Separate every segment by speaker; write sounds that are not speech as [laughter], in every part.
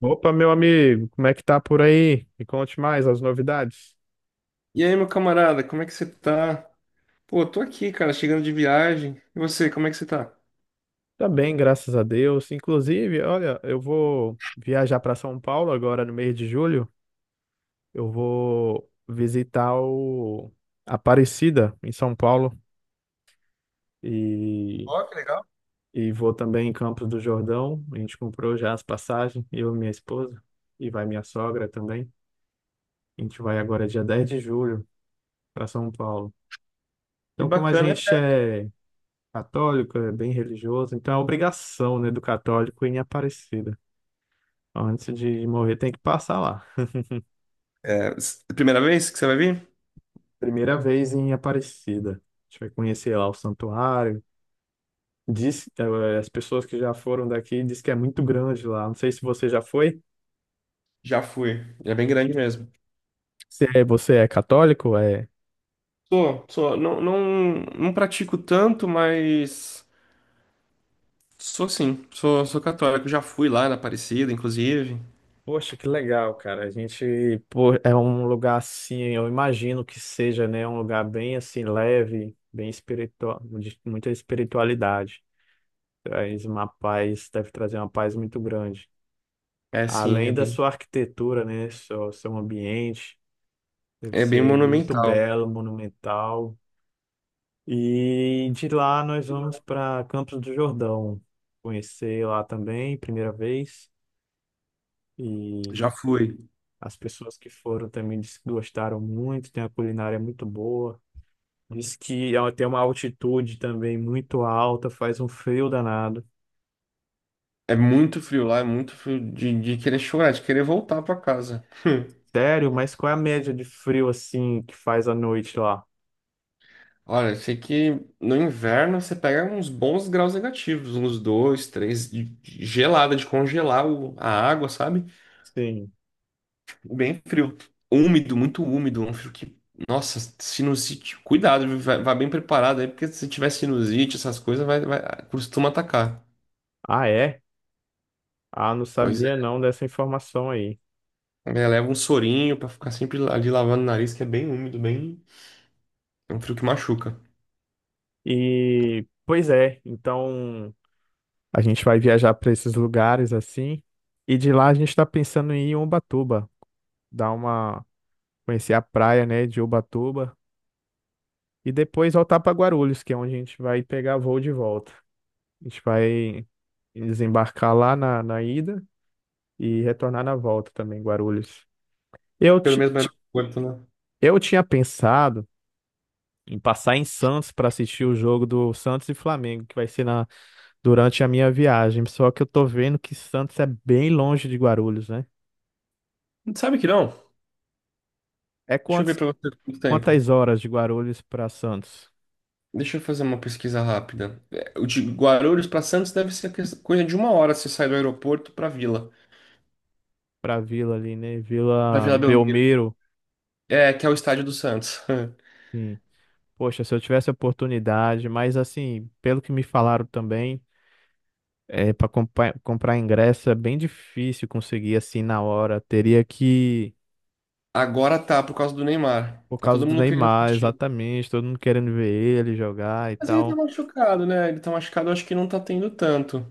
Speaker 1: Opa, meu amigo, como é que tá por aí? Me conte mais as novidades.
Speaker 2: E aí, meu camarada, como é que você tá? Pô, tô aqui, cara, chegando de viagem. E você, como é que você tá?
Speaker 1: Tá bem, graças a Deus. Inclusive, olha, eu vou viajar para São Paulo agora no mês de julho. Eu vou visitar o Aparecida em São Paulo e,
Speaker 2: Ó, que legal.
Speaker 1: e vou também em Campos do Jordão. A gente comprou já as passagens, eu e minha esposa, e vai minha sogra também. A gente vai agora dia 10 de julho para São Paulo.
Speaker 2: Que
Speaker 1: Então, como a
Speaker 2: bacana, é
Speaker 1: gente
Speaker 2: perto.
Speaker 1: é católico, é bem religioso, então é obrigação, né, do católico ir em Aparecida. Antes de morrer, tem que passar lá.
Speaker 2: É, primeira vez que você vai vir?
Speaker 1: Primeira vez em Aparecida. A gente vai conhecer lá o santuário. Diz, as pessoas que já foram daqui diz que é muito grande lá. Não sei se você já foi.
Speaker 2: Já fui. É bem grande mesmo.
Speaker 1: Se você é católico, é.
Speaker 2: Sou, sou. Não, não, não pratico tanto, mas sou sim. Sou, sou católico. Já fui lá na Aparecida, inclusive.
Speaker 1: Poxa, que legal, cara. A gente, pô, é um lugar assim, eu imagino que seja, né, um lugar bem assim leve, bem espiritual, de muita espiritualidade. Traz uma paz, deve trazer uma paz muito grande.
Speaker 2: É sim,
Speaker 1: Além da sua arquitetura, né? Seu ambiente, deve
Speaker 2: é bem
Speaker 1: ser muito
Speaker 2: monumental.
Speaker 1: belo, monumental. E de lá nós vamos para Campos do Jordão, conhecer lá também, primeira vez. E
Speaker 2: Já fui.
Speaker 1: as pessoas que foram também disse que gostaram muito, tem a culinária muito boa. Diz que ela tem uma altitude também muito alta, faz um frio danado.
Speaker 2: É muito frio lá, é muito frio de querer chorar, de querer voltar pra casa.
Speaker 1: Sério, mas qual é a média de frio assim que faz à noite lá?
Speaker 2: Olha, eu sei que no inverno você pega uns bons graus negativos, uns dois, três, de gelada, de congelar a água, sabe?
Speaker 1: Sim.
Speaker 2: Bem frio. Úmido, muito úmido, um frio que. Nossa, sinusite. Cuidado, viu? Vai, vai bem preparado aí, porque se tiver sinusite, essas coisas, vai costuma atacar.
Speaker 1: Ah, é? Ah, não
Speaker 2: Pois
Speaker 1: sabia
Speaker 2: é.
Speaker 1: não dessa informação aí.
Speaker 2: É, leva um sorinho pra ficar sempre ali lavando o nariz, que é bem úmido, bem. É um frio que machuca.
Speaker 1: E, pois é, então a gente vai viajar para esses lugares assim. E de lá a gente está pensando em ir em Ubatuba, dar uma, conhecer a praia, né, de Ubatuba. E depois voltar para Guarulhos, que é onde a gente vai pegar voo de volta. A gente vai desembarcar lá na ida e retornar na volta também, Guarulhos. Eu,
Speaker 2: Pelo
Speaker 1: ti-
Speaker 2: menos vai no
Speaker 1: ti-
Speaker 2: aeroporto, né?
Speaker 1: eu tinha pensado em passar em Santos para assistir o jogo do Santos e Flamengo, que vai ser durante a minha viagem. Só que eu tô vendo que Santos é bem longe de Guarulhos, né?
Speaker 2: Sabe que não?
Speaker 1: É
Speaker 2: Deixa eu ver
Speaker 1: quantos,
Speaker 2: pra você quanto tempo.
Speaker 1: quantas horas de Guarulhos para Santos?
Speaker 2: Deixa eu fazer uma pesquisa rápida. É, o de Guarulhos para Santos deve ser coisa de uma hora se sai do aeroporto
Speaker 1: Para Vila ali, né?
Speaker 2: para
Speaker 1: Vila
Speaker 2: Vila Belmiro,
Speaker 1: Belmiro.
Speaker 2: é que é o estádio do Santos. [laughs]
Speaker 1: Sim. Poxa, se eu tivesse a oportunidade, mas assim, pelo que me falaram também, é, para comprar ingresso é bem difícil conseguir assim na hora. Teria que,
Speaker 2: Agora tá por causa do Neymar.
Speaker 1: por
Speaker 2: Tá
Speaker 1: causa
Speaker 2: todo
Speaker 1: do
Speaker 2: mundo querendo
Speaker 1: Neymar,
Speaker 2: assistir.
Speaker 1: exatamente, todo mundo querendo ver ele jogar e
Speaker 2: Mas ele tá
Speaker 1: tal.
Speaker 2: machucado, né? Ele tá machucado, eu acho que não tá tendo tanto.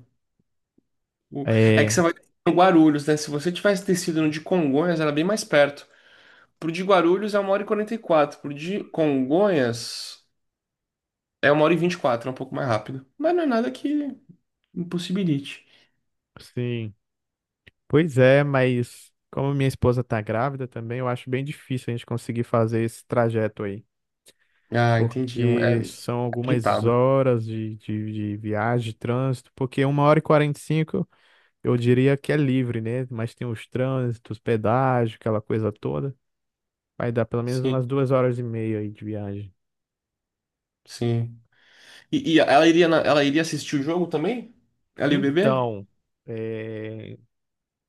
Speaker 2: O- É que
Speaker 1: É.
Speaker 2: você vai no Guarulhos, né? Se você tivesse descido no de Congonhas, era bem mais perto. Pro de Guarulhos é uma hora e 44. Pro de Congonhas é uma hora e 24, é um pouco mais rápido. Mas não é nada que impossibilite.
Speaker 1: Sim. Pois é, mas como minha esposa tá grávida também, eu acho bem difícil a gente conseguir fazer esse trajeto aí,
Speaker 2: Ah, entendi. Um-
Speaker 1: porque
Speaker 2: É
Speaker 1: são algumas
Speaker 2: agitado.
Speaker 1: horas de viagem, de trânsito, porque 1h45 eu diria que é livre, né? Mas tem os trânsitos, pedágio, aquela coisa toda. Vai dar pelo menos
Speaker 2: Sim,
Speaker 1: umas 2 horas e meia aí de viagem.
Speaker 2: sim. E ela iria, ela iria assistir o jogo também? Ela e o bebê?
Speaker 1: Então, é,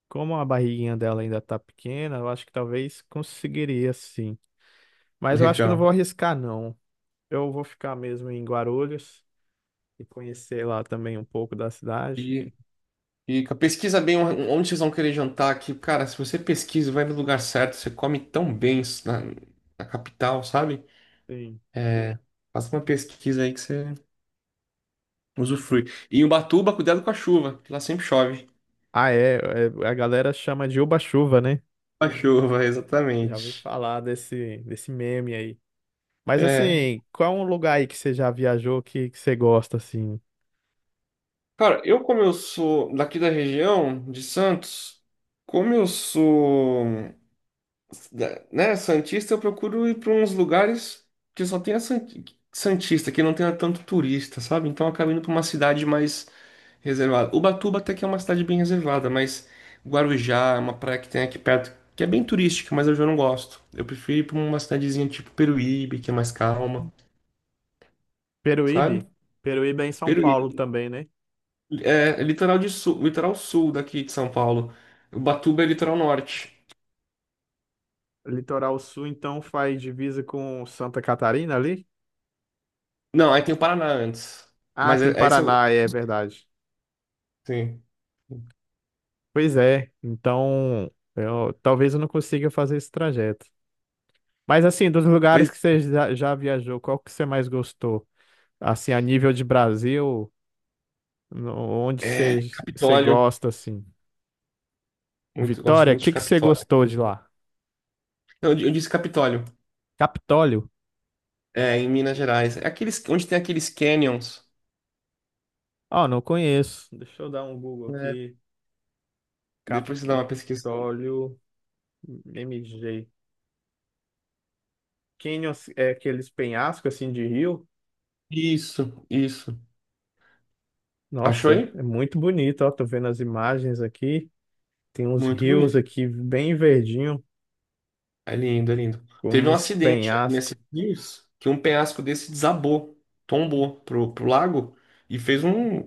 Speaker 1: como a barriguinha dela ainda tá pequena, eu acho que talvez conseguiria sim. Mas eu acho que não
Speaker 2: Legal.
Speaker 1: vou arriscar, não. Eu vou ficar mesmo em Guarulhos e conhecer lá também um pouco da
Speaker 2: E,
Speaker 1: cidade.
Speaker 2: e pesquisa bem onde vocês vão querer jantar aqui. Cara, se você pesquisa, vai no lugar certo, você come tão bem na, na capital, sabe?
Speaker 1: Sim.
Speaker 2: É, faça uma pesquisa aí que você usufrui. E Ubatuba, cuidado com a chuva, que lá sempre chove.
Speaker 1: Ah, é, é, a galera chama de Uba-chuva, né?
Speaker 2: Com a chuva, [laughs]
Speaker 1: Já ouvi
Speaker 2: exatamente.
Speaker 1: falar desse meme aí. Mas
Speaker 2: É.
Speaker 1: assim, qual é um lugar aí que você já viajou que você gosta, assim?
Speaker 2: Cara, eu como eu sou daqui da região de Santos, como eu sou, né, santista, eu procuro ir para uns lugares que só tenha santista, que não tenha tanto turista, sabe? Então eu acabo indo para uma cidade mais reservada. Ubatuba até que é uma cidade bem reservada, mas Guarujá é uma praia que tem aqui perto, que é bem turística, mas eu já não gosto. Eu prefiro ir para uma cidadezinha tipo Peruíbe, que é mais calma,
Speaker 1: Peruíbe?
Speaker 2: sabe?
Speaker 1: Peruíbe é em São Paulo
Speaker 2: Peruíbe.
Speaker 1: também, né?
Speaker 2: É, é litoral de sul, litoral sul daqui de São Paulo. Ubatuba é litoral norte.
Speaker 1: Litoral Sul, então, faz divisa com Santa Catarina ali?
Speaker 2: Não, aí tem o Paraná antes.
Speaker 1: Ah,
Speaker 2: Mas
Speaker 1: tem
Speaker 2: é, é isso.
Speaker 1: Paraná, é verdade.
Speaker 2: Sim.
Speaker 1: Pois é, então eu, talvez eu não consiga fazer esse trajeto. Mas assim, dos lugares
Speaker 2: Pois
Speaker 1: que você já viajou, qual que você mais gostou? Assim, a nível de Brasil, onde
Speaker 2: é,
Speaker 1: você, você
Speaker 2: Capitólio.
Speaker 1: gosta, assim?
Speaker 2: Muito, gosto
Speaker 1: Vitória, o
Speaker 2: muito de
Speaker 1: que que você
Speaker 2: Capitólio.
Speaker 1: gostou de lá?
Speaker 2: Não, eu disse Capitólio.
Speaker 1: Capitólio?
Speaker 2: É, em Minas Gerais. É aqueles, onde tem aqueles canyons.
Speaker 1: Ah, não conheço. Deixa eu dar um Google
Speaker 2: É,
Speaker 1: aqui.
Speaker 2: depois você dá uma pesquisa.
Speaker 1: Capitólio MG. Canyons é aqueles penhascos assim de rio?
Speaker 2: Isso, isso. Achou
Speaker 1: Nossa,
Speaker 2: aí?
Speaker 1: é muito bonito, ó, tô vendo as imagens aqui. Tem uns
Speaker 2: Muito
Speaker 1: rios
Speaker 2: bonito.
Speaker 1: aqui bem verdinho,
Speaker 2: É lindo, é lindo.
Speaker 1: com
Speaker 2: Teve um
Speaker 1: uns
Speaker 2: acidente aí
Speaker 1: penhascos.
Speaker 2: nesses dias que um penhasco desse desabou, tombou pro lago e fez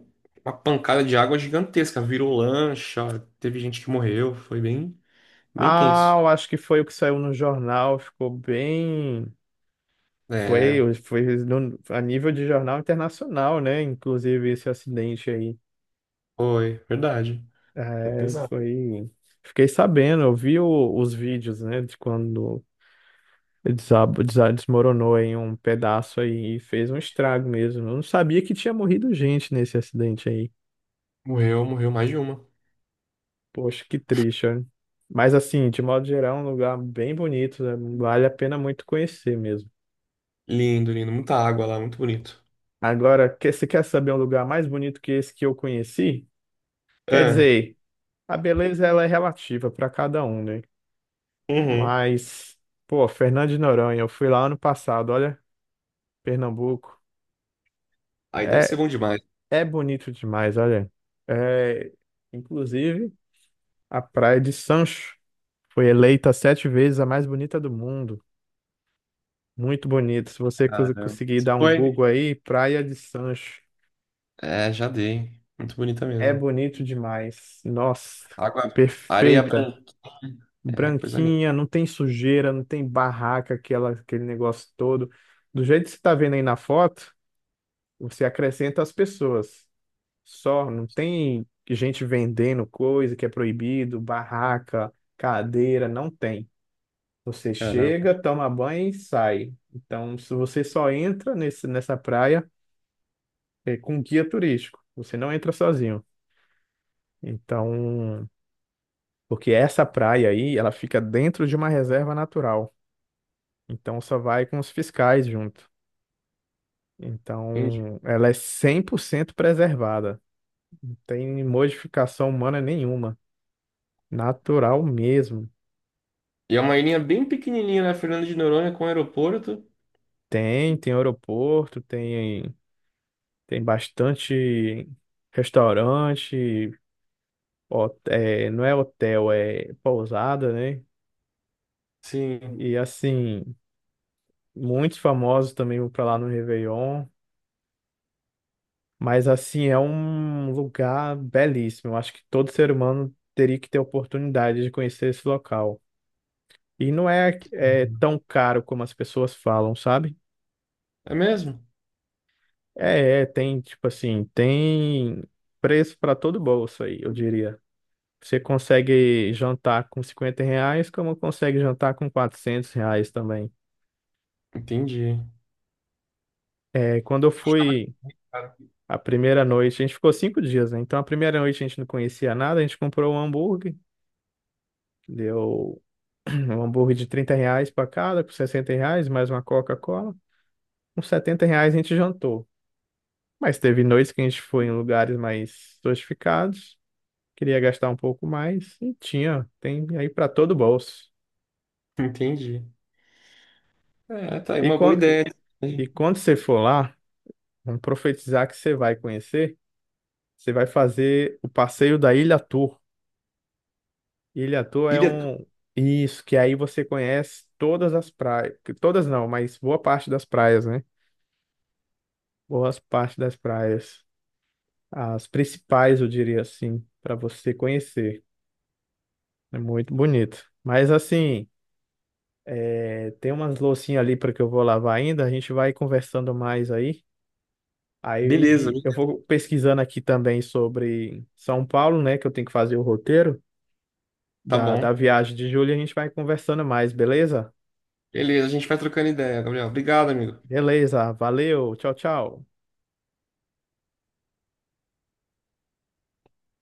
Speaker 2: uma pancada de água gigantesca, virou lancha, teve gente que morreu, foi bem, bem
Speaker 1: Ah,
Speaker 2: tenso.
Speaker 1: eu acho que foi o que saiu no jornal, ficou bem.
Speaker 2: É,
Speaker 1: Foi, foi a nível de jornal internacional, né? Inclusive esse acidente aí.
Speaker 2: foi, verdade. Foi
Speaker 1: É,
Speaker 2: pesado.
Speaker 1: foi. Fiquei sabendo, eu vi os vídeos, né? De quando desmoronou em um pedaço aí e fez um estrago mesmo. Eu não sabia que tinha morrido gente nesse acidente aí.
Speaker 2: Morreu, morreu mais de uma.
Speaker 1: Poxa, que triste, olha. Mas assim, de modo geral, é um lugar bem bonito, né? Vale a pena muito conhecer mesmo.
Speaker 2: Lindo, lindo, muita água lá, muito bonito.
Speaker 1: Agora, você quer saber um lugar mais bonito que esse que eu conheci? Quer
Speaker 2: É,
Speaker 1: dizer, a beleza ela é relativa para cada um, né?
Speaker 2: uhum.
Speaker 1: Mas, pô, Fernando de Noronha, eu fui lá ano passado, olha, Pernambuco.
Speaker 2: Aí deve ser
Speaker 1: É,
Speaker 2: bom demais,
Speaker 1: é bonito demais, olha. É, inclusive, a Praia de Sancho foi eleita 7 vezes a mais bonita do mundo. Muito bonito. Se você
Speaker 2: cara.
Speaker 1: conseguir
Speaker 2: Você
Speaker 1: dar um
Speaker 2: foi?
Speaker 1: Google aí, Praia de Sancho.
Speaker 2: É, já dei. Muito bonita
Speaker 1: É
Speaker 2: mesmo.
Speaker 1: bonito demais. Nossa,
Speaker 2: Água, areia
Speaker 1: perfeita.
Speaker 2: branca, é coisa linda.
Speaker 1: Branquinha, não tem sujeira, não tem barraca, aquela, aquele negócio todo. Do jeito que você está vendo aí na foto, você acrescenta as pessoas. Só, não tem gente vendendo coisa que é proibido, barraca, cadeira, não tem. Você
Speaker 2: Caramba,
Speaker 1: chega, toma banho e sai. Então, se você só entra nessa praia, é, com guia turístico. Você não entra sozinho. Então, porque essa praia aí, ela fica dentro de uma reserva natural. Então, só vai com os fiscais junto.
Speaker 2: entendi.
Speaker 1: Então, ela é 100% preservada. Não tem modificação humana nenhuma. Natural mesmo.
Speaker 2: E é uma ilhinha bem pequenininha, né? Fernando de Noronha com aeroporto.
Speaker 1: Tem, tem aeroporto, tem, tem bastante restaurante, é, não é hotel, é pousada, né?
Speaker 2: Sim.
Speaker 1: E assim, muitos famosos também vão pra lá no Réveillon. Mas, assim, é um lugar belíssimo. Eu acho que todo ser humano teria que ter a oportunidade de conhecer esse local. E não é, é tão caro como as pessoas falam, sabe?
Speaker 2: É mesmo?
Speaker 1: É, é, tem, tipo assim, tem preço para todo bolso aí, eu diria. Você consegue jantar com R$ 50, como consegue jantar com R$ 400 também.
Speaker 2: Entendi.
Speaker 1: É, quando eu
Speaker 2: Estava-
Speaker 1: fui.
Speaker 2: cara,
Speaker 1: A primeira noite, a gente ficou 5 dias, né? Então a primeira noite a gente não conhecia nada, a gente comprou um hambúrguer, deu [clears throat] um hambúrguer de R$ 30 para cada, com R$ 60, mais uma Coca-Cola. Com R$ 70 a gente jantou. Mas teve noites que a gente foi em lugares mais sofisticados, queria gastar um pouco mais, e tinha, tem aí para todo o bolso.
Speaker 2: [laughs] entendi. É, tá aí
Speaker 1: E
Speaker 2: uma boa
Speaker 1: quando,
Speaker 2: ideia.
Speaker 1: e quando você for lá, vamos profetizar que você vai conhecer, você vai fazer o passeio da Ilha Tour. Ilha Toa é
Speaker 2: Ilha.
Speaker 1: um. Isso, que aí você conhece todas as praias. Todas não, mas boa parte das praias, né? Boas parte das praias. As principais, eu diria assim, para você conhecer. É muito bonito. Mas assim, é, tem umas loucinhas ali para que eu vou lavar ainda. A gente vai conversando mais aí.
Speaker 2: Beleza.
Speaker 1: Aí eu vou pesquisando aqui também sobre São Paulo, né? Que eu tenho que fazer o roteiro
Speaker 2: Tá
Speaker 1: da, da
Speaker 2: bom.
Speaker 1: viagem de julho e a gente vai conversando mais, beleza?
Speaker 2: Beleza, a gente vai trocando ideia, Gabriel. Obrigado, amigo.
Speaker 1: Beleza, valeu, tchau, tchau.